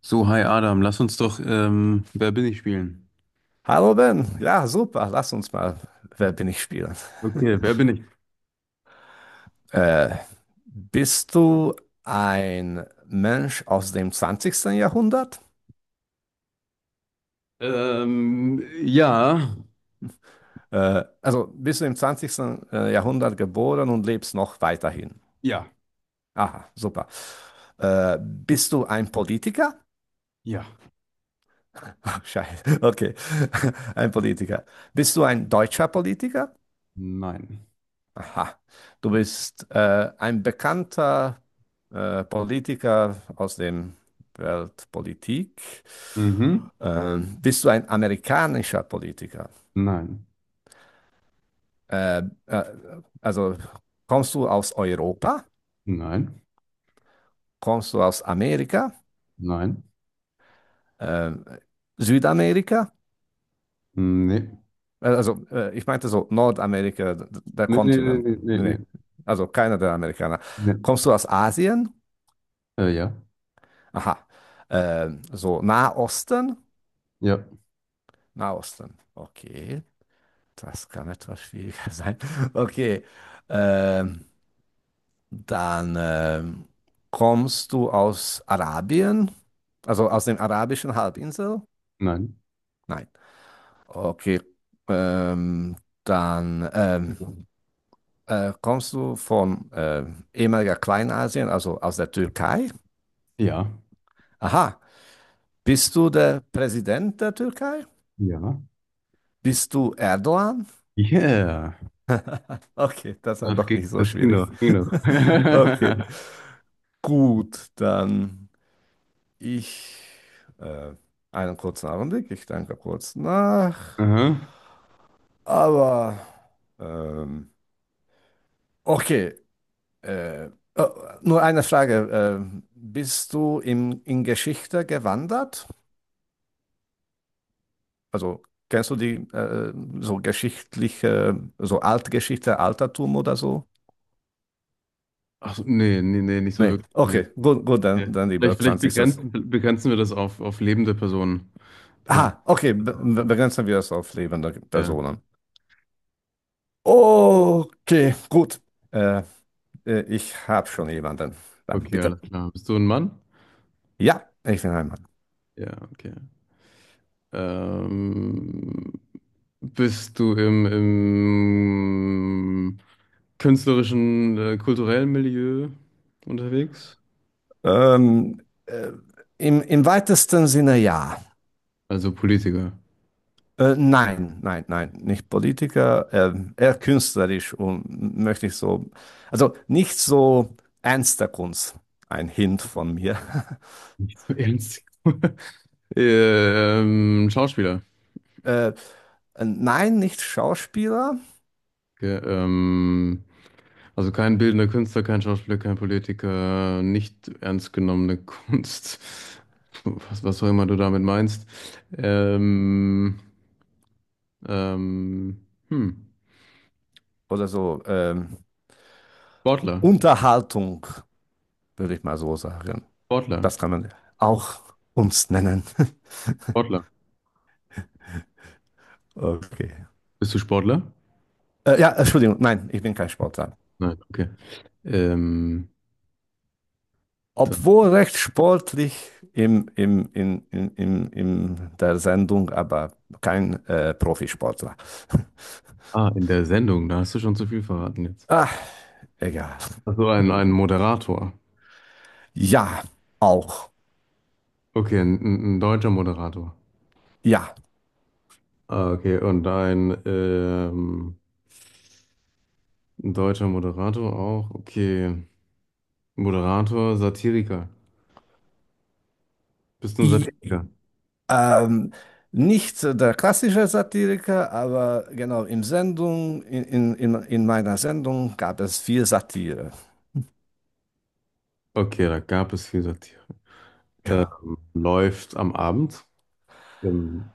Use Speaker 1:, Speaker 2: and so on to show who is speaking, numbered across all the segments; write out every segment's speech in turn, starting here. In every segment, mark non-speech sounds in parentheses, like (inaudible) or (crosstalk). Speaker 1: So, hi Adam, lass uns doch Wer bin ich spielen.
Speaker 2: Hallo Ben, ja super, lass uns mal Wer bin ich spielen.
Speaker 1: Okay, wer bin ich?
Speaker 2: Äh, Bist du ein Mensch aus dem zwanzigsten Jahrhundert?
Speaker 1: Ähm, ja,
Speaker 2: Also bist du im zwanzigsten Jahrhundert geboren und lebst noch weiterhin?
Speaker 1: ja,
Speaker 2: Aha, super. Bist du ein Politiker?
Speaker 1: ja,
Speaker 2: (laughs) Scheiße, okay, (laughs) ein Politiker. Bist du ein deutscher Politiker?
Speaker 1: nein.
Speaker 2: Aha, du bist ein bekannter Politiker aus der Weltpolitik.
Speaker 1: Mhm.
Speaker 2: Bist du ein amerikanischer Politiker?
Speaker 1: Nein,
Speaker 2: Äh, äh, also kommst du aus Europa?
Speaker 1: nein,
Speaker 2: Kommst du aus Amerika?
Speaker 1: nein,
Speaker 2: Äh, Südamerika?
Speaker 1: nee.
Speaker 2: Also ich meinte so Nordamerika, der
Speaker 1: Nee, nee, nee,
Speaker 2: Kontinent.
Speaker 1: nee, nee,
Speaker 2: Nee, nee,
Speaker 1: nee.
Speaker 2: also keiner der Amerikaner.
Speaker 1: Nee.
Speaker 2: Kommst du aus Asien?
Speaker 1: Äh, ja,
Speaker 2: Aha, so Nahosten?
Speaker 1: ja,
Speaker 2: Nahosten. Okay, das kann etwas schwieriger (laughs) sein. Okay, ähm, dann kommst du aus Arabien, also aus den arabischen Halbinsel?
Speaker 1: nein,
Speaker 2: Nein. Okay, ähm, dann kommst du von ehemaliger Kleinasien, also aus der Türkei?
Speaker 1: ja,
Speaker 2: Aha, bist du der Präsident der Türkei?
Speaker 1: ja.
Speaker 2: Bist du Erdogan?
Speaker 1: Yeah,
Speaker 2: Okay, das war
Speaker 1: das
Speaker 2: doch
Speaker 1: ging,
Speaker 2: nicht so
Speaker 1: das ging
Speaker 2: schwierig.
Speaker 1: doch, ging doch. (laughs)
Speaker 2: (laughs) Okay. Gut, dann ich äh, einen kurzen Augenblick, ich denke kurz nach.
Speaker 1: Aha.
Speaker 2: Aber ähm, okay, äh, oh, nur eine Frage. Bist du in Geschichte gewandert? Also kennst du die so geschichtliche, so Altgeschichte, Altertum oder so?
Speaker 1: Ach so, nee, nicht so
Speaker 2: Nee,
Speaker 1: wirklich. Nee.
Speaker 2: okay, gut, gut,
Speaker 1: nee.
Speaker 2: dann
Speaker 1: Vielleicht,
Speaker 2: lieber
Speaker 1: vielleicht
Speaker 2: 20.
Speaker 1: begrenzen wir das auf lebende Personen. Dann ist,
Speaker 2: Ah, okay, begrenzen wir es auf lebende
Speaker 1: ja.
Speaker 2: Personen. Okay, gut. Äh, Ich habe schon jemanden. Dann
Speaker 1: Okay,
Speaker 2: bitte.
Speaker 1: alles klar. Bist du ein Mann?
Speaker 2: Ja, ich bin ein Mann.
Speaker 1: Ja, okay. Ähm, bist du im künstlerischen, kulturellen Milieu unterwegs?
Speaker 2: Ähm, äh, Im, im weitesten Sinne ja.
Speaker 1: Also Politiker.
Speaker 2: Nein, nicht Politiker, eher künstlerisch und möchte ich so, also nicht so ernster Kunst. Ein Hint von mir. (laughs)
Speaker 1: Nicht so ernst. (laughs) Schauspieler.
Speaker 2: Äh, nein, nicht Schauspieler
Speaker 1: Okay, also kein bildender Künstler, kein Schauspieler, kein Politiker, nicht ernst genommene (laughs) Kunst. Was, was auch immer du damit meinst. Ähm, Ähm, hm.
Speaker 2: oder so.
Speaker 1: Sportler.
Speaker 2: Unterhaltung, würde ich mal so sagen.
Speaker 1: Sportler.
Speaker 2: Das kann man auch Kunst nennen. (laughs)
Speaker 1: Sportler.
Speaker 2: Okay.
Speaker 1: Bist du Sportler?
Speaker 2: Ja, Entschuldigung, nein, ich bin kein Sportler.
Speaker 1: Nein, okay. Ähm, dann,
Speaker 2: Obwohl recht sportlich im, im, in der Sendung, aber kein Profisportler. (laughs)
Speaker 1: ah, in der Sendung, da hast du schon zu viel verraten jetzt.
Speaker 2: Ah, egal.
Speaker 1: Ach so, ein Moderator.
Speaker 2: Ja, auch.
Speaker 1: Okay, ein deutscher Moderator.
Speaker 2: Ja.
Speaker 1: Ah, okay, und ein deutscher Moderator auch. Okay. Moderator, Satiriker. Bist du ein
Speaker 2: I, i-
Speaker 1: Satiriker?
Speaker 2: ähm, Nicht der klassische Satiriker, aber genau im Sendung, in meiner Sendung gab es viel Satire.
Speaker 1: Okay, da gab es viel Satire.
Speaker 2: Genau.
Speaker 1: Läuft am Abend. Ähm,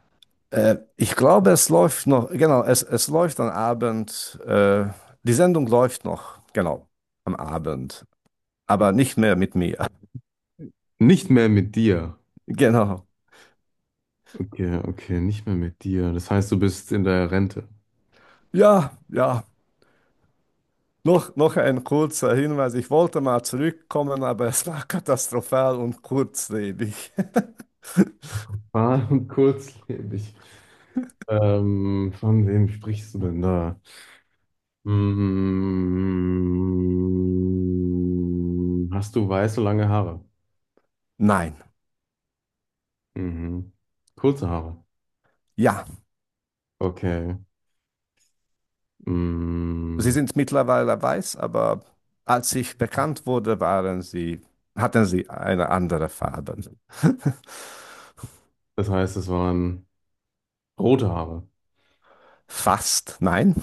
Speaker 2: Ich glaube, es läuft noch, genau, es läuft am Abend, die Sendung läuft noch, genau, am Abend, aber nicht mehr mit mir. (laughs)
Speaker 1: nicht mehr mit dir.
Speaker 2: Genau.
Speaker 1: Ja, okay, nicht mehr mit dir. Das heißt, du bist in der Rente.
Speaker 2: Ja, ja. Noch ein kurzer Hinweis. Ich wollte mal zurückkommen, aber es war (laughs) katastrophal und kurzlebig. (laughs)
Speaker 1: Ah, und kurzlebig. Von wem sprichst du denn da? Hast du weiße, lange Haare?
Speaker 2: Nein,
Speaker 1: Mhm. Kurze Haare.
Speaker 2: ja,
Speaker 1: Okay.
Speaker 2: sie
Speaker 1: Mm,
Speaker 2: sind mittlerweile weiß, aber als ich bekannt wurde, waren sie, hatten sie eine andere Farbe. (laughs)
Speaker 1: das heißt, es waren rote Haare.
Speaker 2: Fast, nein,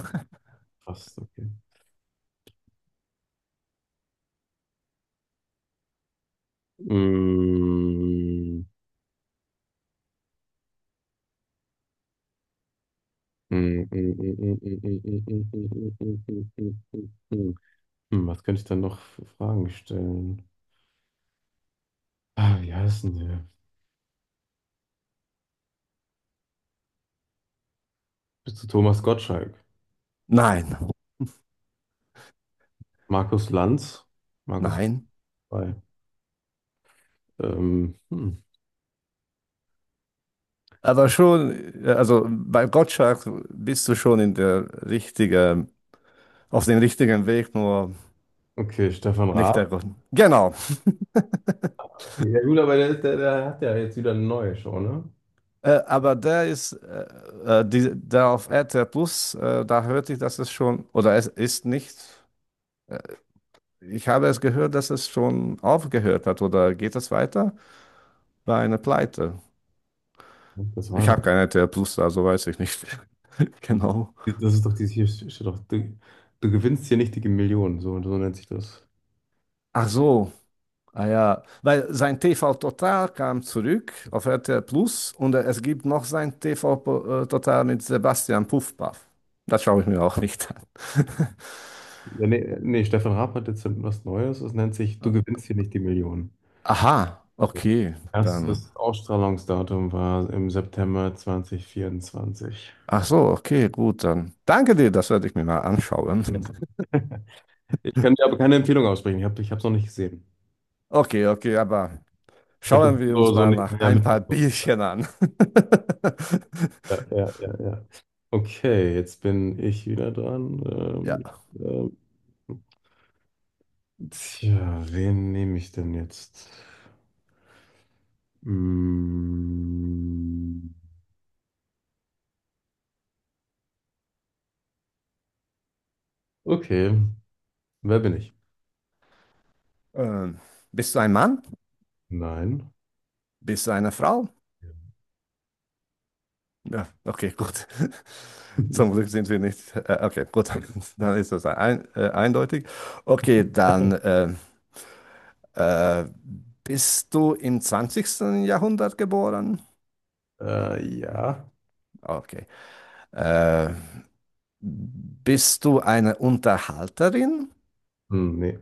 Speaker 1: Fast, okay. Mm, mm, mm, mm, mm, mm, mm, mm, mm, mm, mm, mm, mm, mm. Hm, was könnte ich dann noch für Fragen stellen? Ah, wie heißt denn der? Bist du Thomas Gottschalk?
Speaker 2: nein,
Speaker 1: Markus Lanz? Markus
Speaker 2: nein.
Speaker 1: bei. Hm.
Speaker 2: Aber schon, also bei Gottschalk bist du schon in der richtigen, auf dem richtigen Weg, nur
Speaker 1: Okay, Stefan
Speaker 2: nicht der
Speaker 1: Raab.
Speaker 2: Grund. Genau.
Speaker 1: Okay, ja gut, aber der hat ja jetzt wieder eine neue Show, ne?
Speaker 2: Aber der ist, die, der auf RTL Plus, da hörte ich, dass es schon, oder es ist nicht, äh, ich habe es gehört, dass es schon aufgehört hat, oder geht es weiter? Bei einer Pleite.
Speaker 1: Das war
Speaker 2: Ich
Speaker 1: doch,
Speaker 2: habe kein RTL Plus, also weiß ich nicht. (laughs) Genau.
Speaker 1: das ist doch dieses hier, steht doch, du gewinnst hier nicht die Millionen, so, so nennt sich das.
Speaker 2: Ach so. Ah ja, weil sein TV Total kam zurück auf RTL Plus und es gibt noch sein Total mit Sebastian Puffpaff. Das schaue ich mir auch nicht an.
Speaker 1: Ja, nee, nee, Stefan Raab hat jetzt was Neues, das nennt sich, du
Speaker 2: (laughs)
Speaker 1: gewinnst hier nicht die Millionen.
Speaker 2: Aha, okay, dann.
Speaker 1: Erstes Ausstrahlungsdatum war im September 2024.
Speaker 2: Ach so, okay, gut, dann. Danke dir, das werde ich mir mal anschauen. (laughs)
Speaker 1: Ich kann dir aber keine Empfehlung aussprechen. Ich habe es noch nicht gesehen.
Speaker 2: Okay, okay, aber
Speaker 1: Ich habe das
Speaker 2: schauen wir
Speaker 1: so,
Speaker 2: uns
Speaker 1: so
Speaker 2: mal
Speaker 1: nicht
Speaker 2: nach
Speaker 1: mehr
Speaker 2: ein paar
Speaker 1: mitbekommen.
Speaker 2: Bierchen an. (laughs)
Speaker 1: Ja, ja, ja, ja. Okay, jetzt bin ich wieder dran. Ähm,
Speaker 2: Ja.
Speaker 1: ähm, tja, wen nehme ich denn jetzt? Mm, okay, wer bin ich?
Speaker 2: Ähm, bist du ein Mann?
Speaker 1: Nein.
Speaker 2: Bist du eine Frau? Ja, okay, gut. (laughs) Zum Glück sind wir nicht. Okay, gut, dann ist das ein, eindeutig. Okay, dann
Speaker 1: (laughs)
Speaker 2: äh, bist du im zwanzigsten Jahrhundert geboren?
Speaker 1: Ja.
Speaker 2: Okay. Äh, Bist du eine Unterhalterin?
Speaker 1: Hm, nee.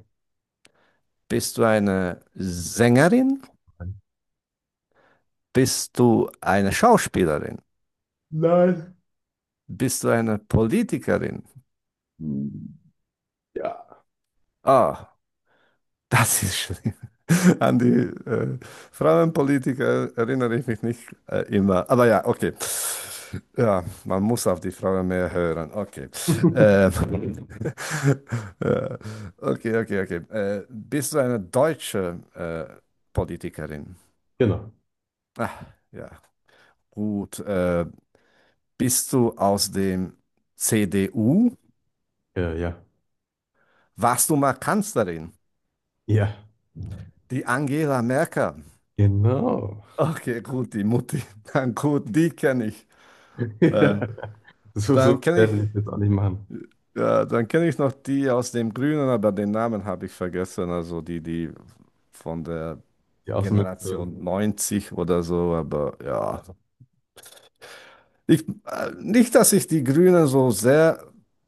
Speaker 2: Bist du eine Sängerin? Bist du eine Schauspielerin?
Speaker 1: Nein.
Speaker 2: Bist du eine Politikerin?
Speaker 1: Hm, ja.
Speaker 2: Ah, das ist schlimm. (laughs) An die äh, Frauenpolitiker erinnere ich mich nicht immer. Aber ja, okay. Ja, man muss auf die Frauen mehr hören. Okay.
Speaker 1: (laughs)
Speaker 2: Ähm, (laughs) äh, okay, okay. Bist du eine deutsche Politikerin?
Speaker 1: Genau.
Speaker 2: Ah, ja, gut. Bist du aus dem CDU?
Speaker 1: Ja, ja.
Speaker 2: Warst du mal Kanzlerin?
Speaker 1: Ja.
Speaker 2: Die Angela Merkel.
Speaker 1: Genau.
Speaker 2: Okay, gut, die Mutti. (laughs) Dann gut, die kenne ich. Äh,
Speaker 1: (laughs) So,
Speaker 2: dann
Speaker 1: so
Speaker 2: kenne
Speaker 1: sehr
Speaker 2: ich,
Speaker 1: will ich das auch nicht machen.
Speaker 2: Dann kenne ich noch die aus dem Grünen, aber den Namen habe ich vergessen. Also die von der
Speaker 1: Die
Speaker 2: Generation
Speaker 1: Außenministerin.
Speaker 2: 90 oder so. Aber ja, ich, nicht, dass ich die Grünen so sehr,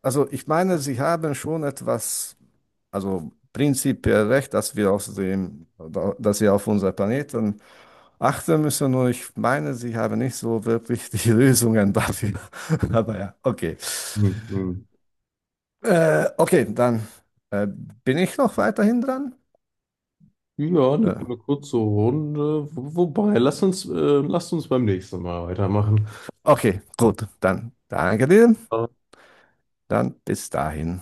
Speaker 2: also ich meine, sie haben schon etwas, also prinzipiell recht, dass wir auf unser Planeten achten müssen. Und ich meine, sie haben nicht so wirklich die (laughs) Lösungen dafür. (laughs) Aber ja, okay.
Speaker 1: Hm, hm.
Speaker 2: Okay, dann bin ich noch weiterhin dran.
Speaker 1: Ja, eine,
Speaker 2: Äh,
Speaker 1: eine kurze Runde. Wo- Wobei, lass uns beim nächsten Mal weitermachen.
Speaker 2: okay, gut, dann danke dir. Dann bis dahin.